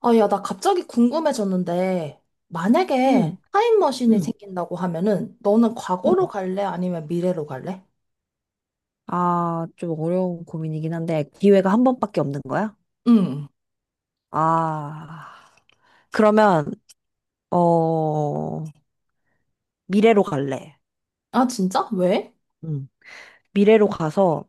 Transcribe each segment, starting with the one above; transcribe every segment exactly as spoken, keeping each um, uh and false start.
아, 야, 나 갑자기 궁금해졌는데, 만약에 음, 타임머신이 음, 생긴다고 하면은, 너는 음. 과거로 갈래? 아니면 미래로 갈래? 아, 좀 어려운 고민이긴 한데, 기회가 한 번밖에 없는 거야? 응. 아, 그러면, 어, 미래로 갈래. 아, 진짜? 왜? 음. 미래로 가서,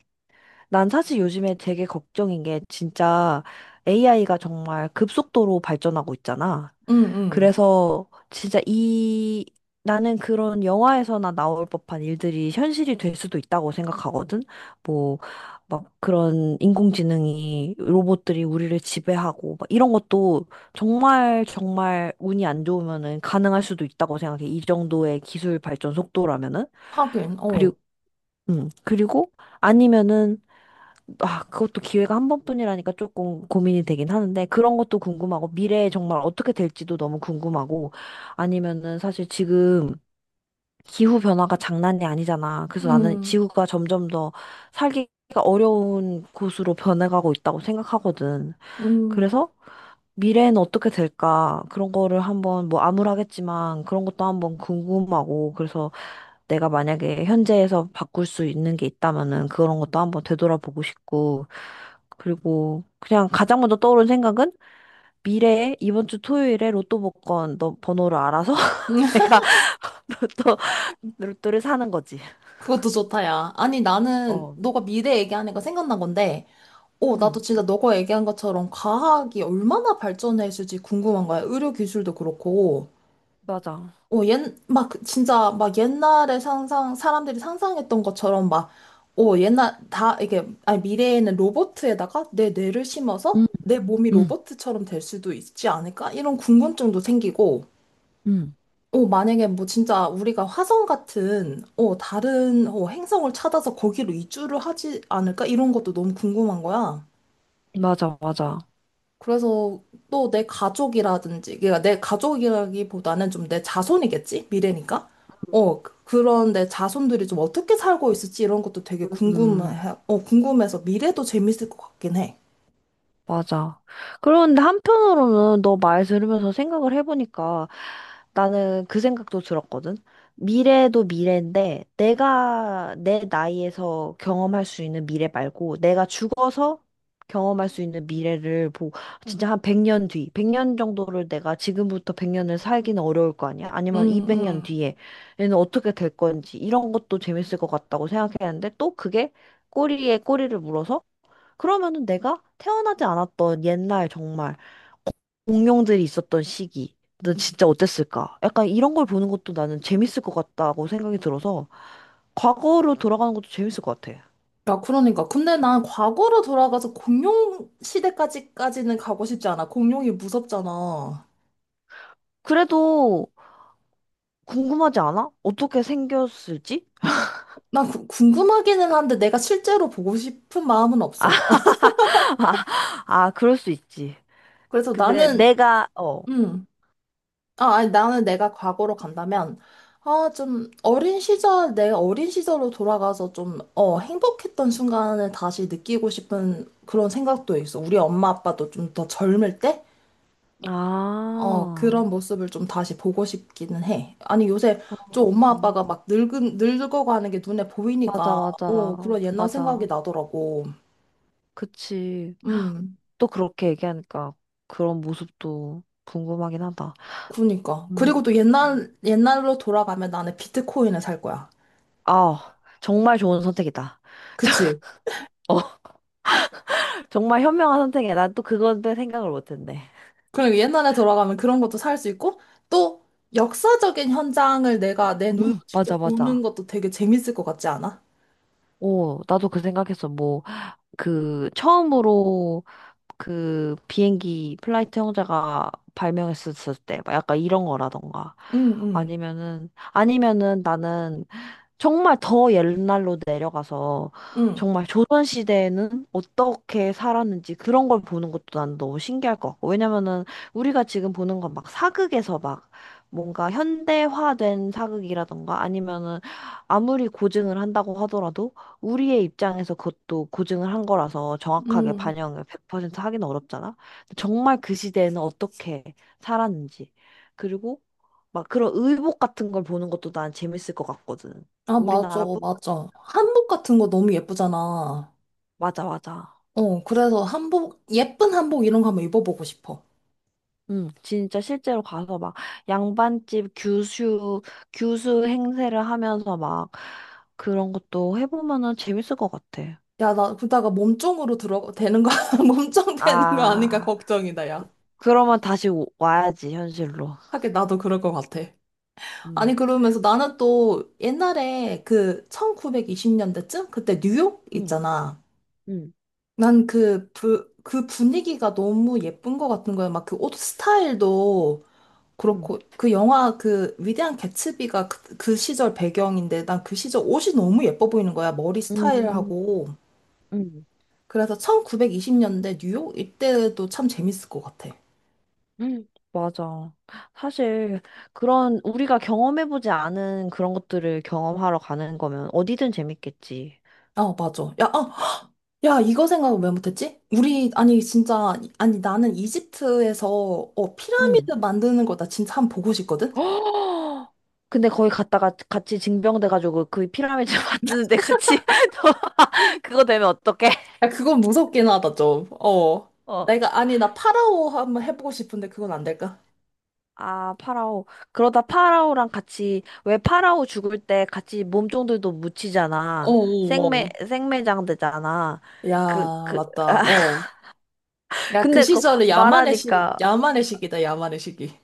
난 사실 요즘에 되게 걱정인 게, 진짜 에이아이가 정말 급속도로 발전하고 있잖아. 응, 응. 그래서 진짜 이 나는 그런 영화에서나 나올 법한 일들이 현실이 될 수도 있다고 생각하거든. 뭐 막 그런 인공지능이 로봇들이 우리를 지배하고 막 이런 것도 정말 정말 운이 안 좋으면은 가능할 수도 있다고 생각해. 이 정도의 기술 발전 속도라면은. 하긴, 어. 그리고 음, 그리고 아니면은 아, 그것도 기회가 한 번뿐이라니까 조금 고민이 되긴 하는데, 그런 것도 궁금하고, 미래에 정말 어떻게 될지도 너무 궁금하고, 아니면은 사실 지금 기후 변화가 장난이 아니잖아. 그래서 나는 응, 지구가 점점 더 살기가 어려운 곳으로 변해가고 있다고 생각하거든. 응. 그래서 미래에는 어떻게 될까? 그런 거를 한번, 뭐 암울하겠지만, 그런 것도 한번 궁금하고, 그래서 내가 만약에 현재에서 바꿀 수 있는 게 있다면은 그런 것도 한번 되돌아보고 싶고, 그리고 그냥 가장 먼저 떠오른 생각은 미래에 이번 주 토요일에 로또 복권 너 번호를 알아서 내가 로또, 로또를 사는 거지. 그것도 좋다, 야. 아니, 나는 어, 너가 미래 얘기하니까 생각난 건데, 어, 응, 나도 진짜 너가 얘기한 것처럼 과학이 얼마나 발전했을지 궁금한 거야. 의료 기술도 그렇고. 맞아. 어, 옛, 막, 진짜, 막 옛날에 상상, 사람들이 상상했던 것처럼 막, 어, 옛날, 다, 이게, 아니, 미래에는 로봇에다가 내 뇌를 심어서 음, 내 몸이 음, 로봇처럼 될 수도 있지 않을까? 이런 궁금증도 생기고, 음. 어, 만약에 뭐 진짜 우리가 화성 같은, 어, 다른, 어, 행성을 찾아서 거기로 이주를 하지 않을까? 이런 것도 너무 궁금한 거야. 맞아, 맞아. 그래서 또 내 가족이라든지, 그러니까 내 가족이라기보다는 좀 내 자손이겠지? 미래니까? 어, 그- 그런 내 자손들이 좀 어떻게 살고 있을지 이런 것도 되게 궁금해, 음. 어, 궁금해서 미래도 재밌을 것 같긴 해. 맞아. 그런데 한편으로는 너 말 들으면서 생각을 해보니까 나는 그 생각도 들었거든. 미래도 미래인데 내가 내 나이에서 경험할 수 있는 미래 말고 내가 죽어서 경험할 수 있는 미래를 보 진짜 한 백 년 뒤, 백 년 정도를 내가 지금부터 백 년을 살기는 어려울 거 아니야? 아니면 응, 이백 년 응. 뒤에 얘는 어떻게 될 건지 이런 것도 재밌을 것 같다고 생각했는데 또 그게 꼬리에 꼬리를 물어서 그러면은 내가 태어나지 않았던 옛날 정말 공룡들이 있었던 시기 는 진짜 어땠을까? 약간 이런 걸 보는 것도 나는 재밌을 것 같다고 생각이 들어서 과거로 돌아가는 것도 재밌을 것 같아. 야, 그러니까. 근데 난 과거로 돌아가서 공룡 시대까지까지는 가고 싶지 않아. 공룡이 무섭잖아. 그래도 궁금하지 않아? 어떻게 생겼을지? 난 구- 궁금하기는 한데 내가 실제로 보고 싶은 마음은 아, 없어. 아, 그럴 수 있지. 그래서 근데 나는, 내가, 어. 음. 아, 아니, 나는 내가 과거로 간다면, 아, 좀, 어린 시절, 내 어린 시절로 돌아가서 좀, 어, 행복했던 순간을 다시 느끼고 싶은 그런 생각도 있어. 우리 엄마 아빠도 좀 더 젊을 때? 어, 아, 그런 모습을 좀 다시 보고 싶기는 해. 아니, 요새 좀 엄마 음, 아빠가 막 늙은, 늙어가는 게 눈에 맞아, 보이니까, 맞아, 어, 그런 옛날 생각이 맞아. 나더라고. 그치. 음, 또 그렇게 얘기하니까 그런 모습도 궁금하긴 하다. 그니까. 음. 그리고 또 옛날, 옛날로 돌아가면 나는 비트코인을 살 거야. 아, 정말 좋은 선택이다. 그치? 어, 정말 현명한 선택이야. 난 또 그건데 생각을 못했네. 그럼 옛날에 돌아가면 그런 것도 살 수 있고, 또 역사적인 현장을 내가 내 눈으로 음, 맞아, 직접 보는 맞아. 것도 되게 재밌을 것 같지 않아? 오, 나도 그 생각했어. 뭐, 그, 처음으로 그 비행기 플라이트 형제가 발명했었을 때, 막 약간 이런 거라던가. 응, 응, 아니면은, 아니면은 나는 정말 더 옛날로 내려가서 응, 정말 조선시대에는 어떻게 살았는지 그런 걸 보는 것도 난 너무 신기할 것 같고. 왜냐면은 우리가 지금 보는 건 막 사극에서 막 뭔가 현대화된 사극이라던가 아니면은 아무리 고증을 한다고 하더라도 우리의 입장에서 그것도 고증을 한 거라서 정확하게 응. 반영을 백 퍼센트 하기는 어렵잖아. 정말 그 시대에는 어떻게 살았는지. 그리고 막 그런 의복 같은 걸 보는 것도 난 재밌을 것 같거든. 아, 맞아, 우리나라뿐 맞아. 한복 같은 거 너무 예쁘잖아. 맞아 맞아. 어, 그래서 한복, 예쁜 한복 이런 거 한번 입어보고 싶어. 응, 진짜 실제로 가서 막 양반집 교수 교수 행세를 하면서 막 그런 것도 해보면은 재밌을 것 같아. 야, 나 그러다가 몸종으로 들어, 되는 거, 몸종 되는 거 아닌가 아, 걱정이다, 야. 그러면 다시 오- 와야지 현실로. 하긴 나도 그럴 것 같아. 응, 아니, 그러면서 나는 또 옛날에 그 천구백이십 년대쯤? 그때 뉴욕 응, 있잖아. 응, 난 그, 부, 그 분위기가 너무 예쁜 것 같은 거야. 막 그 옷 스타일도 응, 그렇고, 그 영화 그 위대한 개츠비가 그, 그 시절 배경인데, 난 그 시절 옷이 너무 예뻐 보이는 거야. 머리 응, 스타일하고. 응. 그래서 천구백이십 년대 뉴욕 이때도 참 재밌을 것 같아. 응, 맞아. 사실 그런 우리가 경험해보지 않은 그런 것들을 경험하러 가는 거면 어디든 재밌겠지. 아, 맞아. 야, 아, 야, 이거 생각을 왜 못했지? 우리, 아니, 진짜, 아니, 나는 이집트에서, 어, 응. 피라미드 만드는 거 나 진짜 한 번 보고 싶거든? 어! 근데 거기 갔다가 같이 징병돼가지고 그 피라미드 만드는데 같이 또 그거 되면 어떡해? 야, 그건 무섭긴 하다, 좀. 어. 어. 내가, 아니, 나 파라오 한번 해보고 싶은데 그건 안 될까? 아, 파라오. 그러다 파라오랑 같이, 왜 파라오 죽을 때 같이 몸종들도 어, 묻히잖아. 어, 생매, 어. 생매장 되잖아. 야, 그, 그, 맞다. 어. 야, 그 근데 그 시절에 야만의 시, 말하니까, 야만의 시기다, 야만의 시기.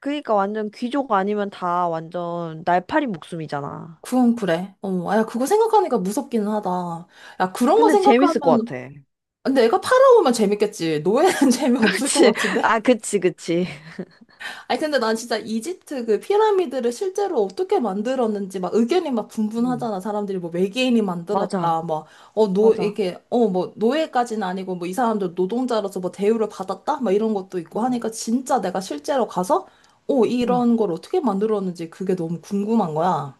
그니까 완전 귀족 아니면 다 완전 날파리 목숨이잖아. 그건 그래. 어, 아, 야, 그거 생각하니까 무섭기는 하다. 야, 그런 거 근데 재밌을 것 생각하면, 같아. 근데 내가 팔아오면 재밌겠지. 노예는 재미없을 것 그치. 같은데? 아, 그치, 그치. 아니 근데 난 진짜 이집트 그 피라미드를 실제로 어떻게 만들었는지 막 의견이 막 응. 분분하잖아. 사람들이 뭐 외계인이 맞아, 만들었다. 막어노 맞아. 이게 어 뭐 노예까지는 아니고 뭐 이 사람들 노동자로서 뭐 대우를 받았다. 막 이런 것도 있고 응. 하니까 진짜 내가 실제로 가서 어 음, 이런 걸 어떻게 만들었는지 그게 너무 궁금한 거야.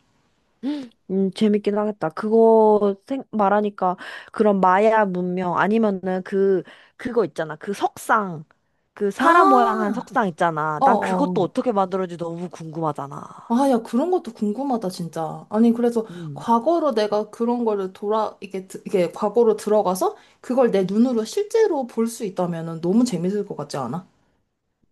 음, 재밌긴 하겠다. 그거 생, 말하니까 그런 마야 문명 아니면은 그 그거 있잖아. 그 석상. 그 사람 모양한 아. 석상 있잖아. 난 그것도 어어. 어떻게 만들었는지 너무 궁금하잖아. 아, 야, 그런 것도 궁금하다, 진짜. 아니, 그래서 음, 과거로 내가 그런 거를 돌아, 이게, 드- 이게 과거로 들어가서 그걸 내 눈으로 실제로 볼 수 있다면은 너무 재밌을 것 같지 않아?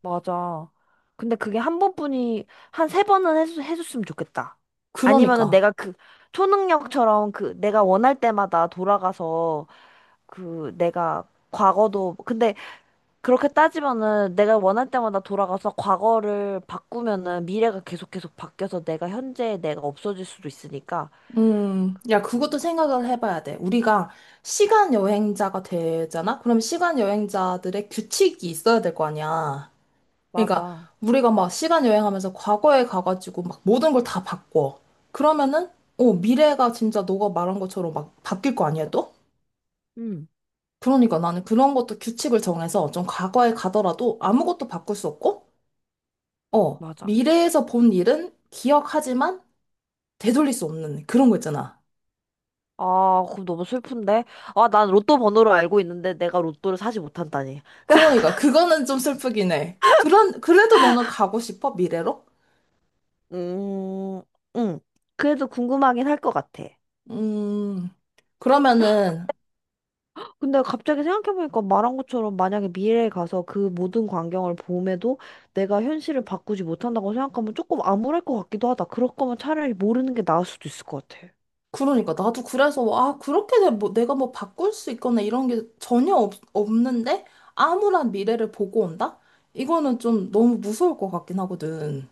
맞아. 근데 그게 한 번뿐이 한 세 번은 해주, 해줬으면 좋겠다. 아니면은 그러니까. 내가 그 초능력처럼 그 내가 원할 때마다 돌아가서 그 내가 과거도 근데 그렇게 따지면은 내가 원할 때마다 돌아가서 과거를 바꾸면은 미래가 계속 계속 바뀌어서 내가 현재의 내가 없어질 수도 있으니까. 음, 야, 그것도 생각을 해봐야 돼. 우리가 시간 여행자가 되잖아? 그럼 시간 여행자들의 규칙이 있어야 될 거 아니야. 그러니까, 맞아. 우리가 막 시간 여행하면서 과거에 가가지고 막 모든 걸 다 바꿔. 그러면은, 어, 미래가 진짜 너가 말한 것처럼 막 바뀔 거 아니야, 또? 응, 그러니까 나는 그런 것도 규칙을 정해서 좀 과거에 가더라도 아무것도 바꿀 수 없고, 어, 맞아. 미래에서 본 일은 기억하지만 되돌릴 수 없는 그런 거 있잖아. 아, 그럼 너무 슬픈데? 아, 난 로또 번호를 알고 있는데 내가 로또를 사지 못한다니. 그러니까 그거는 좀 슬프긴 해. 그런, 그래도 너는 가고 싶어? 미래로? 음, 응. 그래도 궁금하긴 할 것 같아. 음, 그러면은, 근데 갑자기 생각해보니까 말한 것처럼 만약에 미래에 가서 그 모든 광경을 봄에도 내가 현실을 바꾸지 못한다고 생각하면 조금 암울할 것 같기도 하다. 그럴 거면 차라리 모르는 게 나을 수도 있을 것 같아. 그러니까 나도 그래서, 뭐, 아, 그렇게 내, 뭐, 내가 뭐 바꿀 수 있거나 이런 게 전혀 없, 없는데, 암울한 미래를 보고 온다? 이거는 좀 너무 무서울 것 같긴 하거든.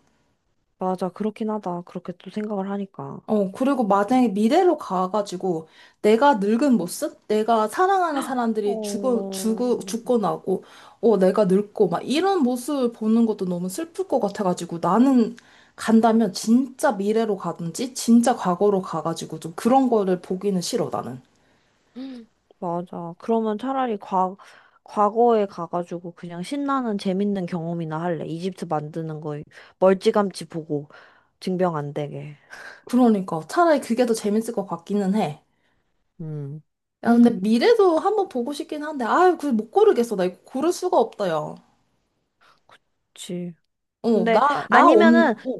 맞아, 그렇긴 하다. 그렇게 또 생각을 하니까. 어, 그리고 만약에 미래로 가가지고 내가 늙은 모습? 내가 사랑하는 어, 사람들이 죽어, 죽어, 죽고 나고, 어, 내가 늙고 막 이런 모습 보는 것도 너무 슬플 것 같아가지고 나는 간다면 진짜 미래로 가든지 진짜 과거로 가가지고 좀 그런 거를 보기는 싫어, 나는. 음, 맞아. 그러면 차라리 과, 과거에 가가지고 그냥 신나는 재밌는 경험이나 할래. 이집트 만드는 거 멀찌감치 보고 증병 안 되게. 그러니까 차라리 그게 더 재밌을 것 같기는 해. 음. 야, 근데 음, 미래도 한번 보고 싶긴 한데, 아유, 그걸 못 고르겠어. 나 이거 고를 수가 없다, 야. 그치. 어, 근데 나, 나 없, 아니면은 어.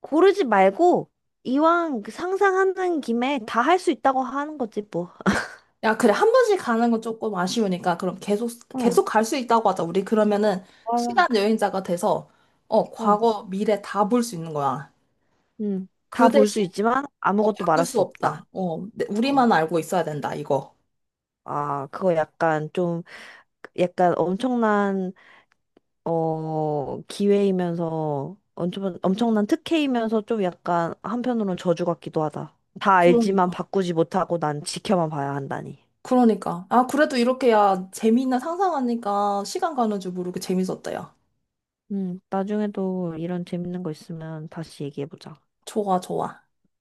고르지 말고 이왕 그 상상하는 김에 다 할 수 있다고 하는 거지 뭐. 야, 그래. 한 번씩 가는 건 조금 아쉬우니까, 그럼 계속, 어, 계속 갈 수 있다고 하자. 우리 그러면은, 시간 맞아. 여행자가 돼서, 어, 어, 과거, 미래 다 볼 수 있는 거야. 음, 다 그 볼 수 대신, 있지만 어, 아무것도 바꿀 말할 수 수 없다. 없다. 어, 내- 어, 우리만 알고 있어야 된다, 이거. 아, 그거 약간 좀 약간 엄청난 어 기회이면서 엄청 엄청난 특혜이면서 좀 약간 한편으로는 저주 같기도 하다. 다 알지만 그러니까. 바꾸지 못하고 난 지켜만 봐야 한다니. 그러니까. 아, 그래도 이렇게, 야, 재미있나 상상하니까, 시간 가는 줄 모르게 재밌었다, 야. 음, 나중에도 이런 재밌는 거 있으면 다시 얘기해보자. 좋아, 좋아.